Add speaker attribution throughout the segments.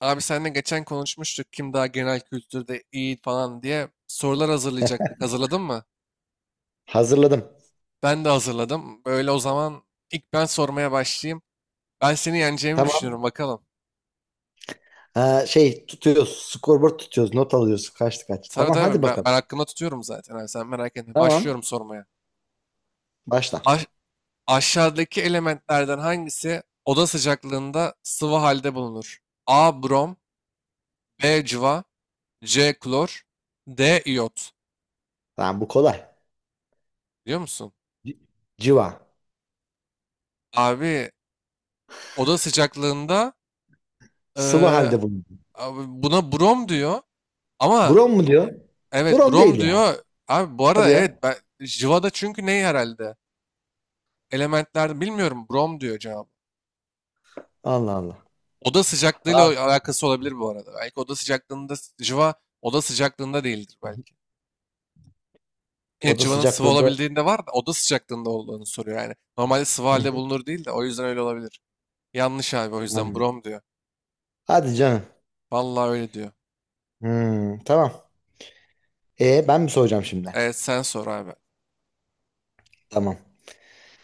Speaker 1: Abi seninle geçen konuşmuştuk kim daha genel kültürde iyi falan diye sorular hazırlayacaktık. Hazırladın mı?
Speaker 2: Hazırladım.
Speaker 1: Ben de hazırladım. Böyle o zaman ilk ben sormaya başlayayım. Ben seni yeneceğimi düşünüyorum
Speaker 2: Tamam.
Speaker 1: bakalım.
Speaker 2: Ha, şey tutuyoruz. Scoreboard tutuyoruz. Not alıyoruz. Kaçtı kaç.
Speaker 1: Tabii
Speaker 2: Tamam, hadi
Speaker 1: tabii ben
Speaker 2: bakalım.
Speaker 1: hakkımda tutuyorum zaten abi sen merak etme.
Speaker 2: Tamam.
Speaker 1: Başlıyorum sormaya.
Speaker 2: Başla.
Speaker 1: Aş- Aşağıdaki elementlerden hangisi oda sıcaklığında sıvı halde bulunur? A. Brom B. Cıva C. Klor D. iyot
Speaker 2: Tamam, bu kolay.
Speaker 1: Biliyor musun?
Speaker 2: C- Civa.
Speaker 1: Abi oda sıcaklığında...
Speaker 2: Sıvı halde bulunuyor.
Speaker 1: Abi buna Brom diyor ama
Speaker 2: Brom mu
Speaker 1: e,
Speaker 2: diyor?
Speaker 1: evet
Speaker 2: Brom
Speaker 1: Brom
Speaker 2: değil ya.
Speaker 1: diyor. Abi bu
Speaker 2: Hadi
Speaker 1: arada evet
Speaker 2: ya.
Speaker 1: ben Jiva'da çünkü ney herhalde? Elementlerde bilmiyorum Brom diyor cevabı.
Speaker 2: Allah Allah.
Speaker 1: Oda
Speaker 2: Abi,
Speaker 1: sıcaklığıyla alakası olabilir bu arada. Belki oda sıcaklığında Jiva oda sıcaklığında değildir belki. Evet
Speaker 2: oda
Speaker 1: civanın sıvı
Speaker 2: sıcaklığında.
Speaker 1: olabildiğinde var da oda sıcaklığında olduğunu soruyor yani. Normalde sıvı
Speaker 2: Hı
Speaker 1: halde
Speaker 2: hı.
Speaker 1: bulunur değil de o yüzden öyle olabilir. Yanlış abi o yüzden
Speaker 2: Tamam.
Speaker 1: Brom diyor.
Speaker 2: Hadi canım.
Speaker 1: Vallahi öyle diyor.
Speaker 2: Tamam. E, ben mi soracağım şimdi?
Speaker 1: Evet sen sor abi.
Speaker 2: Tamam.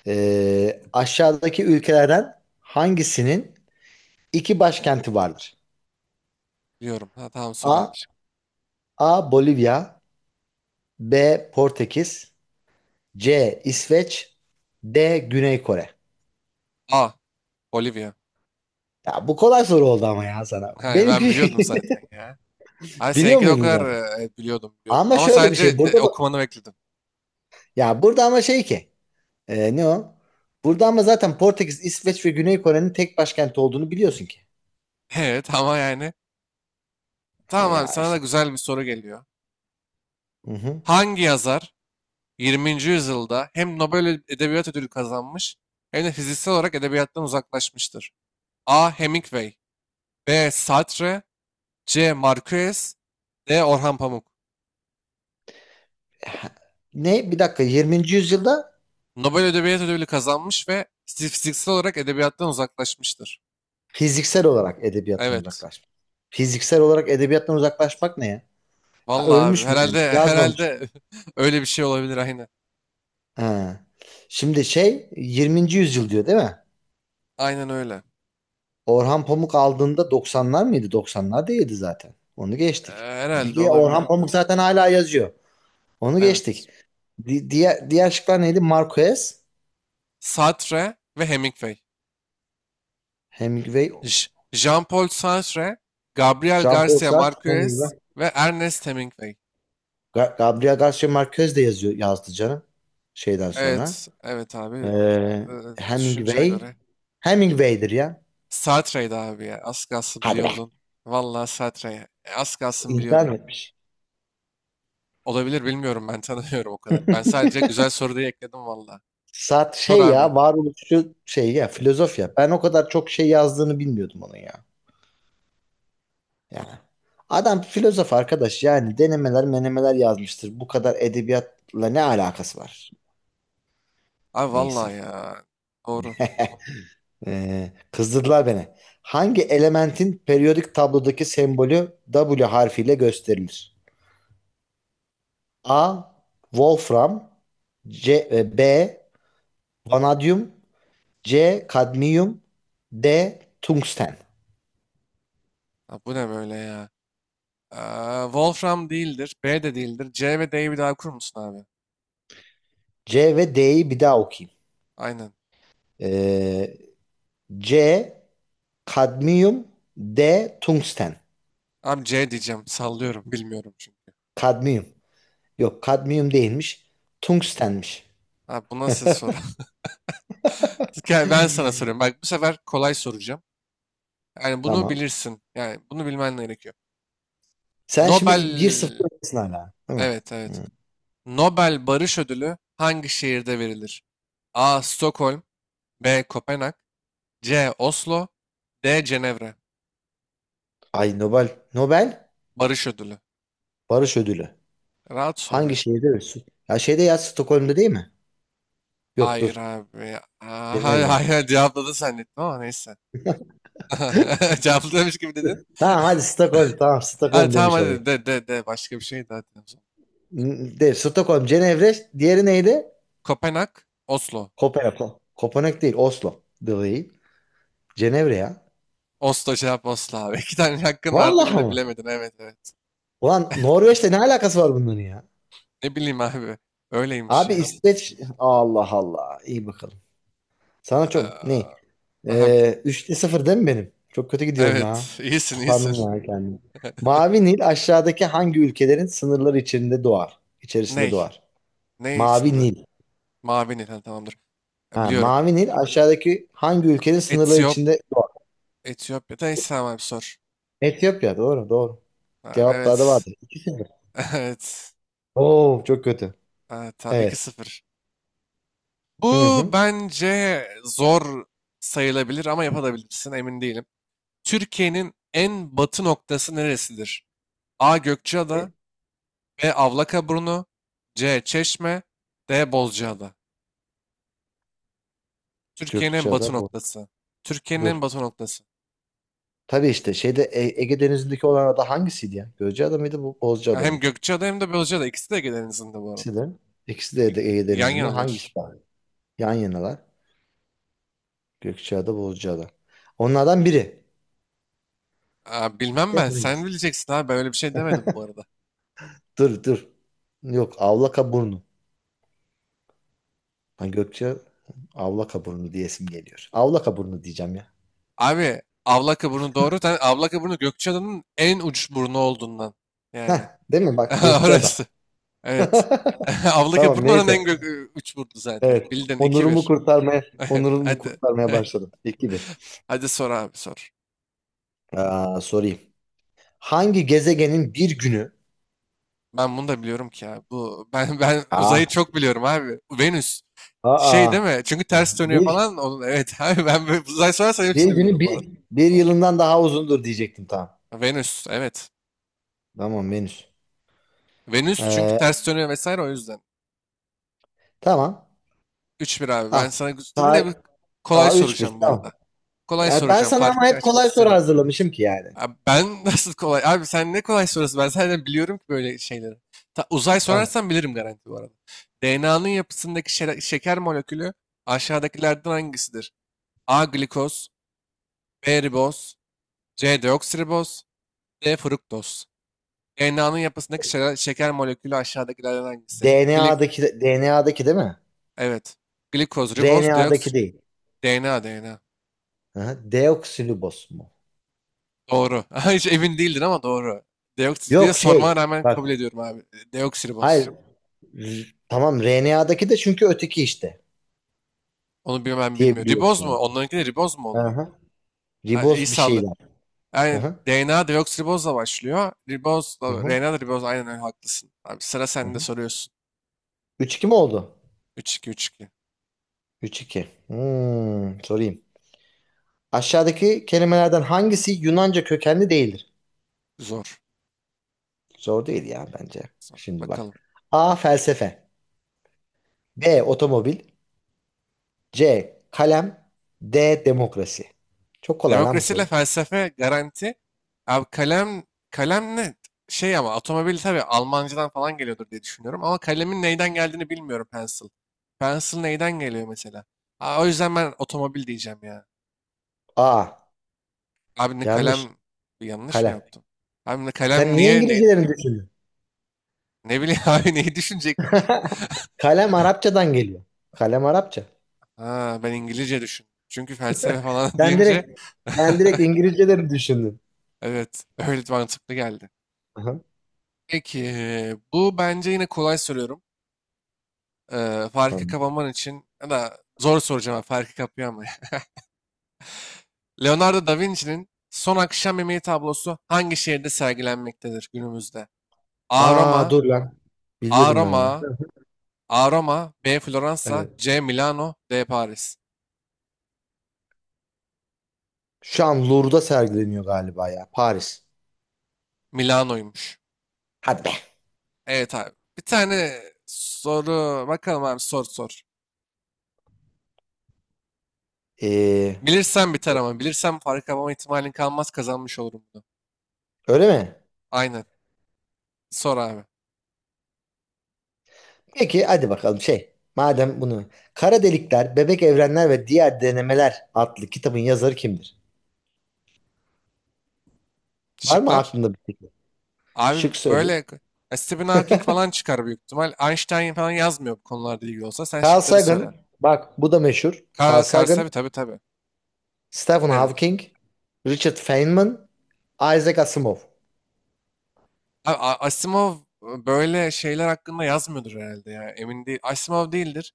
Speaker 2: Aşağıdaki ülkelerden hangisinin iki başkenti vardır?
Speaker 1: Diyorum. Ha, tamam sor
Speaker 2: A.
Speaker 1: abi.
Speaker 2: A. Bolivya. B. Portekiz. C. İsveç. D. Güney Kore.
Speaker 1: A. Bolivya.
Speaker 2: Ya bu kolay soru oldu ama ya sana.
Speaker 1: Hayır, ben
Speaker 2: Benimki
Speaker 1: biliyordum zaten ya. Hayır
Speaker 2: biliyor
Speaker 1: seninkini o
Speaker 2: muydun
Speaker 1: kadar
Speaker 2: zaten?
Speaker 1: biliyordum biliyordum.
Speaker 2: Ama
Speaker 1: Ama
Speaker 2: şöyle bir şey
Speaker 1: sadece
Speaker 2: burada da,
Speaker 1: okumanı bekledim.
Speaker 2: ya burada ama şey ki ne o? Burada ama zaten Portekiz, İsveç ve Güney Kore'nin tek başkenti olduğunu biliyorsun ki.
Speaker 1: Evet ama yani. Tamam abi
Speaker 2: Ya
Speaker 1: sana da
Speaker 2: işte.
Speaker 1: güzel bir soru geliyor.
Speaker 2: Hı hı.
Speaker 1: Hangi yazar 20. yüzyılda hem Nobel Edebiyat Ödülü kazanmış hem de fiziksel olarak edebiyattan uzaklaşmıştır? A. Hemingway B. Sartre C. Marquez D. Orhan Pamuk
Speaker 2: Ne? Bir dakika, 20. yüzyılda
Speaker 1: Nobel Edebiyat Ödülü kazanmış ve fiziksel olarak edebiyattan uzaklaşmıştır.
Speaker 2: fiziksel olarak edebiyattan
Speaker 1: Evet.
Speaker 2: uzaklaşmak. Fiziksel olarak edebiyattan uzaklaşmak ne ya? Ha,
Speaker 1: Vallahi abi
Speaker 2: ölmüş mü yani?
Speaker 1: herhalde
Speaker 2: Yazmamış.
Speaker 1: herhalde öyle bir şey olabilir aynen.
Speaker 2: Ha. Şimdi şey, 20. yüzyıl diyor değil mi?
Speaker 1: Aynen öyle.
Speaker 2: Orhan Pamuk aldığında doksanlar mıydı? 90'lar değildi zaten. Onu geçtik. Bir
Speaker 1: Herhalde
Speaker 2: de
Speaker 1: olabilir
Speaker 2: Orhan Pamuk
Speaker 1: bilmiyorum.
Speaker 2: zaten hala yazıyor. Onu geçtik.
Speaker 1: Evet.
Speaker 2: Diğer şıklar neydi? Marquez,
Speaker 1: Sartre ve Hemingway.
Speaker 2: Hemingway,
Speaker 1: Jean-Paul Sartre, Gabriel
Speaker 2: Jean-Paul
Speaker 1: Garcia
Speaker 2: Sartre, Hemingway.
Speaker 1: Marquez ve Ernest Hemingway.
Speaker 2: Gabriel Garcia Marquez de yazıyor, yazdı canım. Şeyden sonra.
Speaker 1: Evet, evet abi.
Speaker 2: Ee,
Speaker 1: Ee, Düşüncene
Speaker 2: Hemingway.
Speaker 1: göre.
Speaker 2: Hemingway'dir ya.
Speaker 1: Sartre'ydi abi ya. Az kalsın
Speaker 2: Hadi be.
Speaker 1: biliyordun. Vallahi Sartre. Az kalsın
Speaker 2: İnkar
Speaker 1: biliyordun.
Speaker 2: mı etmiş.
Speaker 1: Olabilir bilmiyorum ben tanımıyorum o kadar. Ben sadece güzel soru diye ekledim vallahi.
Speaker 2: Sartre
Speaker 1: Sor
Speaker 2: şey
Speaker 1: abi.
Speaker 2: ya, varoluşçu şey ya, filozof ya. Ben o kadar çok şey yazdığını bilmiyordum onun ya. Yani, adam filozof arkadaş, yani denemeler menemeler yazmıştır. Bu kadar edebiyatla ne alakası var?
Speaker 1: Abi
Speaker 2: Neyse.
Speaker 1: vallahi ya. Doğru.
Speaker 2: Kızdırdılar beni. Hangi elementin periyodik tablodaki sembolü W harfiyle gösterilir? A. Wolfram B. Vanadyum C. Kadmiyum D. Tungsten.
Speaker 1: Ha, bu ne böyle ya? Aa, Wolfram değildir. B de değildir. C ve D'yi bir daha okur musun abi?
Speaker 2: C ve D'yi bir daha okuyayım.
Speaker 1: Aynen.
Speaker 2: Ee, C. Kadmiyum. D. Tungsten.
Speaker 1: Abi C diyeceğim. Sallıyorum. Bilmiyorum çünkü.
Speaker 2: Kadmiyum. Yok, kadmiyum değilmiş. Tungstenmiş.
Speaker 1: Abi bu nasıl soru? Gel ben sana soruyorum. Bak bu sefer kolay soracağım. Yani bunu
Speaker 2: Tamam.
Speaker 1: bilirsin. Yani bunu bilmen gerekiyor.
Speaker 2: Sen şimdi bir sıfır
Speaker 1: Nobel...
Speaker 2: öndesin hala, değil mi?
Speaker 1: Evet evet.
Speaker 2: Hı.
Speaker 1: Nobel Barış Ödülü hangi şehirde verilir? A. Stockholm B. Kopenhag C. Oslo D. Cenevre.
Speaker 2: Ay, Nobel. Nobel
Speaker 1: Barış Ödülü.
Speaker 2: Barış Ödülü.
Speaker 1: Rahat soru
Speaker 2: Hangi
Speaker 1: bence.
Speaker 2: şehirde? Ölsün? Ya şeyde, ya Stockholm'da değil mi? Yok,
Speaker 1: Hayır
Speaker 2: dur.
Speaker 1: abi. Aa, hayır
Speaker 2: Cenevre.
Speaker 1: hayır cevapladın zannettim ama neyse. Cevaplamış gibi dedin.
Speaker 2: Tamam, hadi Stockholm. Tamam,
Speaker 1: Hadi
Speaker 2: Stockholm
Speaker 1: tamam
Speaker 2: demiş
Speaker 1: hadi
Speaker 2: olayım.
Speaker 1: de de de başka bir şey daha de o zaman.
Speaker 2: De, Stockholm, Cenevre. Diğeri neydi?
Speaker 1: Kopenhag, Oslo.
Speaker 2: Kopenhag. Kopenhag değil. Oslo. Değil. Cenevre ya.
Speaker 1: Oslo cevap Oslo abi. İki tane hakkın vardı
Speaker 2: Vallahi
Speaker 1: yine de
Speaker 2: mı?
Speaker 1: bilemedin. Evet evet.
Speaker 2: Ulan, Norveç'te ne alakası var bunların ya?
Speaker 1: Ne bileyim abi. Öyleymiş
Speaker 2: Abi,
Speaker 1: yani.
Speaker 2: İsveç. Allah Allah. İyi bakalım. Sana çok ne?
Speaker 1: Aa, aha,
Speaker 2: 3'te 0 değil mi benim? Çok kötü gidiyorum
Speaker 1: evet
Speaker 2: ha.
Speaker 1: iyisin iyisin.
Speaker 2: Utandım ya kendimi. Mavi Nil aşağıdaki hangi ülkelerin sınırları içinde doğar? İçerisinde
Speaker 1: Ney?
Speaker 2: doğar.
Speaker 1: Ney
Speaker 2: Mavi
Speaker 1: sınırı?
Speaker 2: Nil.
Speaker 1: Mavi Nil. Ha, tamamdır. Ya,
Speaker 2: Ha,
Speaker 1: biliyorum.
Speaker 2: Mavi Nil aşağıdaki hangi ülkenin sınırları
Speaker 1: Etiyop,
Speaker 2: içinde doğar?
Speaker 1: Etiyopya'da İslam abi sor.
Speaker 2: Etiyopya, doğru doğru.
Speaker 1: Abi,
Speaker 2: Cevaplarda
Speaker 1: evet.
Speaker 2: vardır. 2-0.
Speaker 1: Evet.
Speaker 2: Oo çok kötü.
Speaker 1: Ha, ta,
Speaker 2: Evet.
Speaker 1: 2-0.
Speaker 2: Hı
Speaker 1: Bu
Speaker 2: hı.
Speaker 1: bence zor sayılabilir ama yapabilirsin emin değilim. Türkiye'nin en batı noktası neresidir? A. Gökçeada B. Avlakaburnu C. Çeşme D. Bozcaada. Türkiye'nin en batı
Speaker 2: Gökçeada bu.
Speaker 1: noktası. Türkiye'nin en
Speaker 2: Dur.
Speaker 1: batı noktası.
Speaker 2: Tabii işte şeyde Ege Denizi'ndeki olan ada hangisiydi ya? Gökçeada mıydı bu?
Speaker 1: Ya
Speaker 2: Bozcaada
Speaker 1: hem
Speaker 2: mıydı?
Speaker 1: Gökçeada hem de Bozcaada. İkisi de Ege izinde bu arada.
Speaker 2: İkisi de. İkisi de
Speaker 1: İk-
Speaker 2: Ege
Speaker 1: Yan
Speaker 2: Denizi'nde. Hangisi
Speaker 1: yanalar.
Speaker 2: daha? Yan yanalar. Gökçeada, Bozcaada. Onlardan biri.
Speaker 1: Aa, bilmem
Speaker 2: De,
Speaker 1: ben. Sen
Speaker 2: hangisi?
Speaker 1: bileceksin abi. Ben öyle bir şey demedim bu arada.
Speaker 2: Dur, dur. Yok, Avlakaburnu. Ha, Gökçe Avlakaburnu diyesim geliyor. Avlakaburnu diyeceğim ya.
Speaker 1: Abi Avlakaburnu doğru. Sen Avlakaburnu Gökçeada'nın en uç burnu olduğundan.
Speaker 2: Heh,
Speaker 1: Yani.
Speaker 2: değil mi? Bak, Gökçeada.
Speaker 1: Orası. Evet. Abla
Speaker 2: Tamam,
Speaker 1: Burnu oranın
Speaker 2: neyse.
Speaker 1: en gök üç burnu zaten.
Speaker 2: Evet.
Speaker 1: Bildin iki
Speaker 2: Onurumu
Speaker 1: bir.
Speaker 2: kurtarmaya Onurumu
Speaker 1: Hadi.
Speaker 2: kurtarmaya başladım. 2 bir.
Speaker 1: Hadi sor abi sor.
Speaker 2: Aa, sorayım. Hangi gezegenin bir günü...
Speaker 1: Ben bunu da biliyorum ki ya. Bu ben uzayı
Speaker 2: Aa,
Speaker 1: çok biliyorum abi. Venüs. Şey
Speaker 2: aa,
Speaker 1: değil mi? Çünkü ters dönüyor
Speaker 2: bir,
Speaker 1: falan. Onun evet abi ben böyle uzay sorarsan
Speaker 2: bir
Speaker 1: hepsini bilirim
Speaker 2: günü
Speaker 1: bu arada.
Speaker 2: bir yılından daha uzundur diyecektim, tamam.
Speaker 1: Venüs evet.
Speaker 2: Tamam, Venüs.
Speaker 1: Venüs çünkü
Speaker 2: Ee,
Speaker 1: ters dönüyor vesaire o yüzden.
Speaker 2: tamam.
Speaker 1: 3-1 abi. Ben
Speaker 2: Ah,
Speaker 1: sana yine bir
Speaker 2: tar
Speaker 1: kolay
Speaker 2: Aa, üç bir,
Speaker 1: soracağım bu
Speaker 2: tamam.
Speaker 1: arada. Kolay
Speaker 2: Ya ben
Speaker 1: soracağım.
Speaker 2: sana ama
Speaker 1: Farkı
Speaker 2: hep
Speaker 1: açmak
Speaker 2: kolay soru
Speaker 1: istemiyorum.
Speaker 2: hazırlamışım ki yani.
Speaker 1: Abi ben nasıl kolay? Abi sen ne kolay soruyorsun? Ben zaten biliyorum ki böyle şeyleri. Uzay
Speaker 2: Tamam.
Speaker 1: sorarsan bilirim garanti bu arada. DNA'nın yapısındaki şeker molekülü aşağıdakilerden hangisidir? A. Glikoz B. Riboz C. Deoksiriboz D. Fruktoz DNA'nın yapısındaki şeker molekülü aşağıdakilerden hangisi?
Speaker 2: DNA'daki değil mi?
Speaker 1: Evet. Glikoz, riboz,
Speaker 2: RNA'daki
Speaker 1: deoksir...
Speaker 2: değil.
Speaker 1: DNA, DNA.
Speaker 2: Aha, deoksiriboz mu?
Speaker 1: Doğru. Hiç emin değildin ama doğru. Deoksir diye
Speaker 2: Yok
Speaker 1: sormana
Speaker 2: şey.
Speaker 1: rağmen kabul
Speaker 2: Bak.
Speaker 1: ediyorum abi. Deoksiriboz.
Speaker 2: Hayır. Tamam, RNA'daki de çünkü öteki işte
Speaker 1: Onu bilmem bilmiyor.
Speaker 2: diyebiliyorum
Speaker 1: Riboz mu?
Speaker 2: yani.
Speaker 1: Onlarınki de riboz mu oluyor?
Speaker 2: Aha.
Speaker 1: Yani iyi
Speaker 2: Riboz bir
Speaker 1: sallı.
Speaker 2: şeyler.
Speaker 1: Yani
Speaker 2: Aha.
Speaker 1: DNA deoksiribozla başlıyor.
Speaker 2: Hı
Speaker 1: Ribozla,
Speaker 2: hı.
Speaker 1: RNA da riboz. Aynen öyle haklısın. Abi sıra
Speaker 2: Hı
Speaker 1: sende
Speaker 2: hı.
Speaker 1: soruyorsun.
Speaker 2: 3-2 mi oldu?
Speaker 1: 3-2 3-2.
Speaker 2: 3-2. Sorayım. Aşağıdaki kelimelerden hangisi Yunanca kökenli değildir?
Speaker 1: Zor.
Speaker 2: Zor değil ya bence.
Speaker 1: Zor.
Speaker 2: Şimdi
Speaker 1: Bakalım.
Speaker 2: bak. A. Felsefe. B. Otomobil. C. Kalem. D. Demokrasi. Çok kolay lan bu soru.
Speaker 1: Demokrasiyle felsefe garanti. Abi kalem, kalem ne? Şey ama otomobil tabii Almancadan falan geliyordur diye düşünüyorum. Ama kalemin neyden geldiğini bilmiyorum pencil. Pencil neyden geliyor mesela? Aa, o yüzden ben otomobil diyeceğim ya.
Speaker 2: A.
Speaker 1: Abi ne
Speaker 2: Yanlış.
Speaker 1: kalem yanlış mı
Speaker 2: Kalem.
Speaker 1: yaptım? Abi ne
Speaker 2: Sen
Speaker 1: kalem
Speaker 2: niye
Speaker 1: niye ne
Speaker 2: İngilizcelerini düşündün?
Speaker 1: ne bileyim abi neyi düşünecektim?
Speaker 2: Kalem Arapçadan geliyor. Kalem Arapça.
Speaker 1: Ha ben İngilizce düşündüm. Çünkü felsefe falan
Speaker 2: Sen
Speaker 1: deyince
Speaker 2: direkt Sen direkt İngilizceleri düşündün.
Speaker 1: evet öyle mantıklı geldi.
Speaker 2: Aha,
Speaker 1: Peki bu bence yine kolay soruyorum. Farkı
Speaker 2: tamam.
Speaker 1: kapaman için ya da zor soracağım abi, farkı kapıyor ama. Leonardo da Vinci'nin Son Akşam Yemeği tablosu hangi şehirde sergilenmektedir günümüzde? A.
Speaker 2: Aa,
Speaker 1: Roma,
Speaker 2: dur lan.
Speaker 1: A.
Speaker 2: Biliyordum ben onu.
Speaker 1: Roma, A. Roma, B. Floransa,
Speaker 2: Evet.
Speaker 1: C. Milano, D. Paris.
Speaker 2: Şu an Louvre'da sergileniyor galiba ya. Paris.
Speaker 1: Milano'ymuş.
Speaker 2: Hadi be.
Speaker 1: Evet abi. Bir tane soru bakalım abi sor sor.
Speaker 2: Ee,
Speaker 1: Bilirsem biter ama bilirsem fark yapma ihtimalin kalmaz kazanmış olurum bunu.
Speaker 2: öyle mi?
Speaker 1: Aynen. Sor abi.
Speaker 2: Peki, hadi bakalım şey. Madem bunu... Kara Delikler, Bebek Evrenler ve Diğer Denemeler adlı kitabın yazarı kimdir? Var mı
Speaker 1: Şıklar.
Speaker 2: aklında bir fikir?
Speaker 1: Abi
Speaker 2: Şık
Speaker 1: böyle
Speaker 2: söyleyeyim.
Speaker 1: ya Stephen Hawking falan çıkar büyük ihtimal. Einstein falan yazmıyor bu konularda ilgili olsa. Sen
Speaker 2: Carl
Speaker 1: şıkları söyle.
Speaker 2: Sagan. Bak bu da meşhur. Carl
Speaker 1: Carl
Speaker 2: Sagan,
Speaker 1: tabii tabii.
Speaker 2: Stephen
Speaker 1: Evet.
Speaker 2: Hawking, Richard Feynman, Isaac Asimov.
Speaker 1: Abi, Asimov, böyle şeyler hakkında yazmıyordur herhalde ya. Emin değil. Asimov değildir.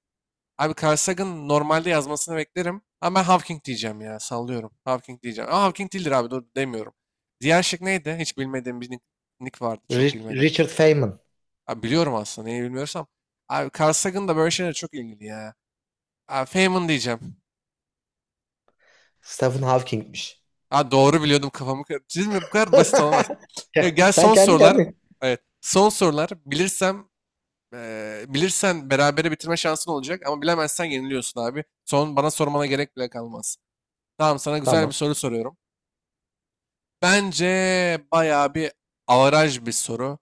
Speaker 1: Abi Carl Sagan'ın normalde yazmasını beklerim. Ama ben Hawking diyeceğim ya. Sallıyorum. Hawking diyeceğim. Ama Hawking değildir abi. Dur demiyorum. Diğer şık neydi? Hiç bilmediğim bir nick vardı. Çok bilmeden.
Speaker 2: Richard Feynman.
Speaker 1: Abi biliyorum aslında. Neyi bilmiyorsam. Abi Carl Sagan da böyle şeylere çok ilgili ya. Abi Feynman diyeceğim.
Speaker 2: Stephen Hawking'miş.
Speaker 1: Ha doğru biliyordum kafamı. Siz mi? Bu kadar basit olamaz.
Speaker 2: Ya,
Speaker 1: Gel
Speaker 2: sen
Speaker 1: son
Speaker 2: kendi
Speaker 1: sorular.
Speaker 2: kendine.
Speaker 1: Evet. Son sorular. Bilirsen berabere bitirme şansın olacak ama bilemezsen yeniliyorsun abi. Son bana sormana gerek bile kalmaz. Tamam sana güzel bir
Speaker 2: Tamam.
Speaker 1: soru soruyorum. Bence bayağı bir avaraj bir soru.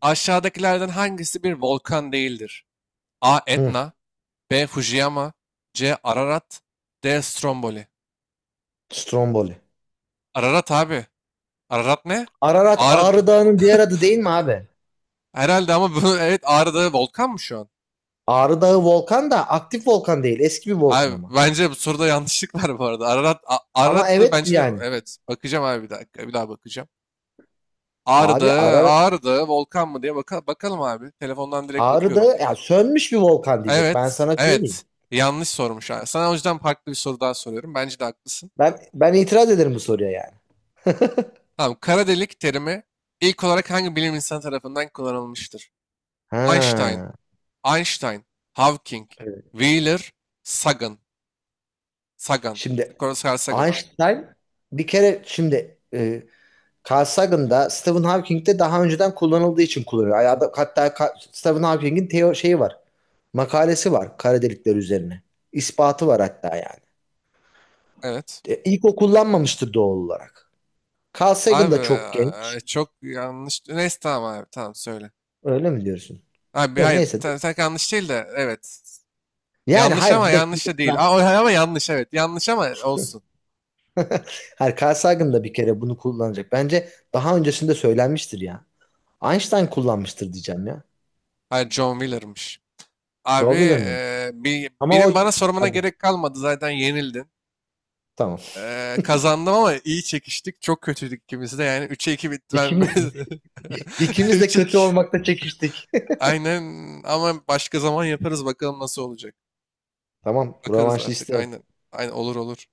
Speaker 1: Aşağıdakilerden hangisi bir volkan değildir? A.
Speaker 2: Hı,
Speaker 1: Etna B. Fujiyama C. Ararat D. Stromboli
Speaker 2: Stromboli.
Speaker 1: Ararat abi. Ararat ne?
Speaker 2: Ararat
Speaker 1: Ağrı.
Speaker 2: Ağrı Dağı'nın diğer adı değil mi abi?
Speaker 1: Herhalde ama bu evet Ağrı'da volkan mı şu an?
Speaker 2: Ağrı Dağı volkan da aktif volkan değil. Eski bir volkan
Speaker 1: Abi
Speaker 2: ama.
Speaker 1: bence bu soruda yanlışlık var bu arada. Ararat,
Speaker 2: Ama
Speaker 1: Ararat da
Speaker 2: evet
Speaker 1: bence de
Speaker 2: yani.
Speaker 1: evet. Bakacağım abi bir dakika. Bir daha bakacağım. Ağrı
Speaker 2: Abi
Speaker 1: Dağı,
Speaker 2: ara,
Speaker 1: Ağrı Dağı volkan mı diye bakalım abi. Telefondan direkt
Speaker 2: Ağrı
Speaker 1: bakıyorum.
Speaker 2: Dağı ya sönmüş bir volkan diyecek. Ben
Speaker 1: Evet,
Speaker 2: sana söyleyeyim.
Speaker 1: evet. Yanlış sormuş. Ha. Sana o yüzden farklı bir soru daha soruyorum. Bence de haklısın.
Speaker 2: Ben itiraz ederim bu soruya yani.
Speaker 1: Tamam, kara delik terimi ilk olarak hangi bilim insanı tarafından kullanılmıştır? Einstein,
Speaker 2: Ha.
Speaker 1: Einstein, Hawking,
Speaker 2: Evet.
Speaker 1: Wheeler, Sagan. Sagan.
Speaker 2: Şimdi
Speaker 1: Carl Sagan.
Speaker 2: Einstein bir kere şimdi Carl Sagan'da Stephen Hawking'de daha önceden kullanıldığı için kullanıyor. Stephen Hawking'in şeyi var. Makalesi var kara delikler üzerine. İspatı var hatta yani.
Speaker 1: Evet.
Speaker 2: İlk o kullanmamıştır doğal olarak. Carl Sagan
Speaker 1: Abi
Speaker 2: da çok genç.
Speaker 1: çok yanlış. Neyse tamam abi tamam söyle.
Speaker 2: Öyle mi diyorsun?
Speaker 1: Abi
Speaker 2: Ya,
Speaker 1: hayır
Speaker 2: neyse.
Speaker 1: tak yanlış değil de evet.
Speaker 2: Yani
Speaker 1: Yanlış
Speaker 2: hayır,
Speaker 1: ama
Speaker 2: bir de şimdi...
Speaker 1: yanlış da değil. Aa, ama yanlış evet. Yanlış ama olsun.
Speaker 2: Her Carl Sagan da bir kere bunu kullanacak. Bence daha öncesinde söylenmiştir ya. Einstein kullanmıştır diyeceğim ya.
Speaker 1: Hayır John Wheeler'mış. Abi
Speaker 2: Joe Wheeler miydi? Ama o...
Speaker 1: benim bana sormana
Speaker 2: Hadi,
Speaker 1: gerek kalmadı zaten yenildin.
Speaker 2: tamam.
Speaker 1: Kazandım ama iyi çekiştik. Çok kötüydük ikimiz de yani 3'e 2 bitti ben.
Speaker 2: İkimiz, ikimiz de
Speaker 1: 3'e
Speaker 2: kötü
Speaker 1: 2.
Speaker 2: olmakta çekiştik.
Speaker 1: Aynen ama başka zaman yaparız bakalım nasıl olacak.
Speaker 2: Tamam. Bu
Speaker 1: Bakarız
Speaker 2: Rövanşı
Speaker 1: artık
Speaker 2: isterim.
Speaker 1: aynen. Aynen olur olur.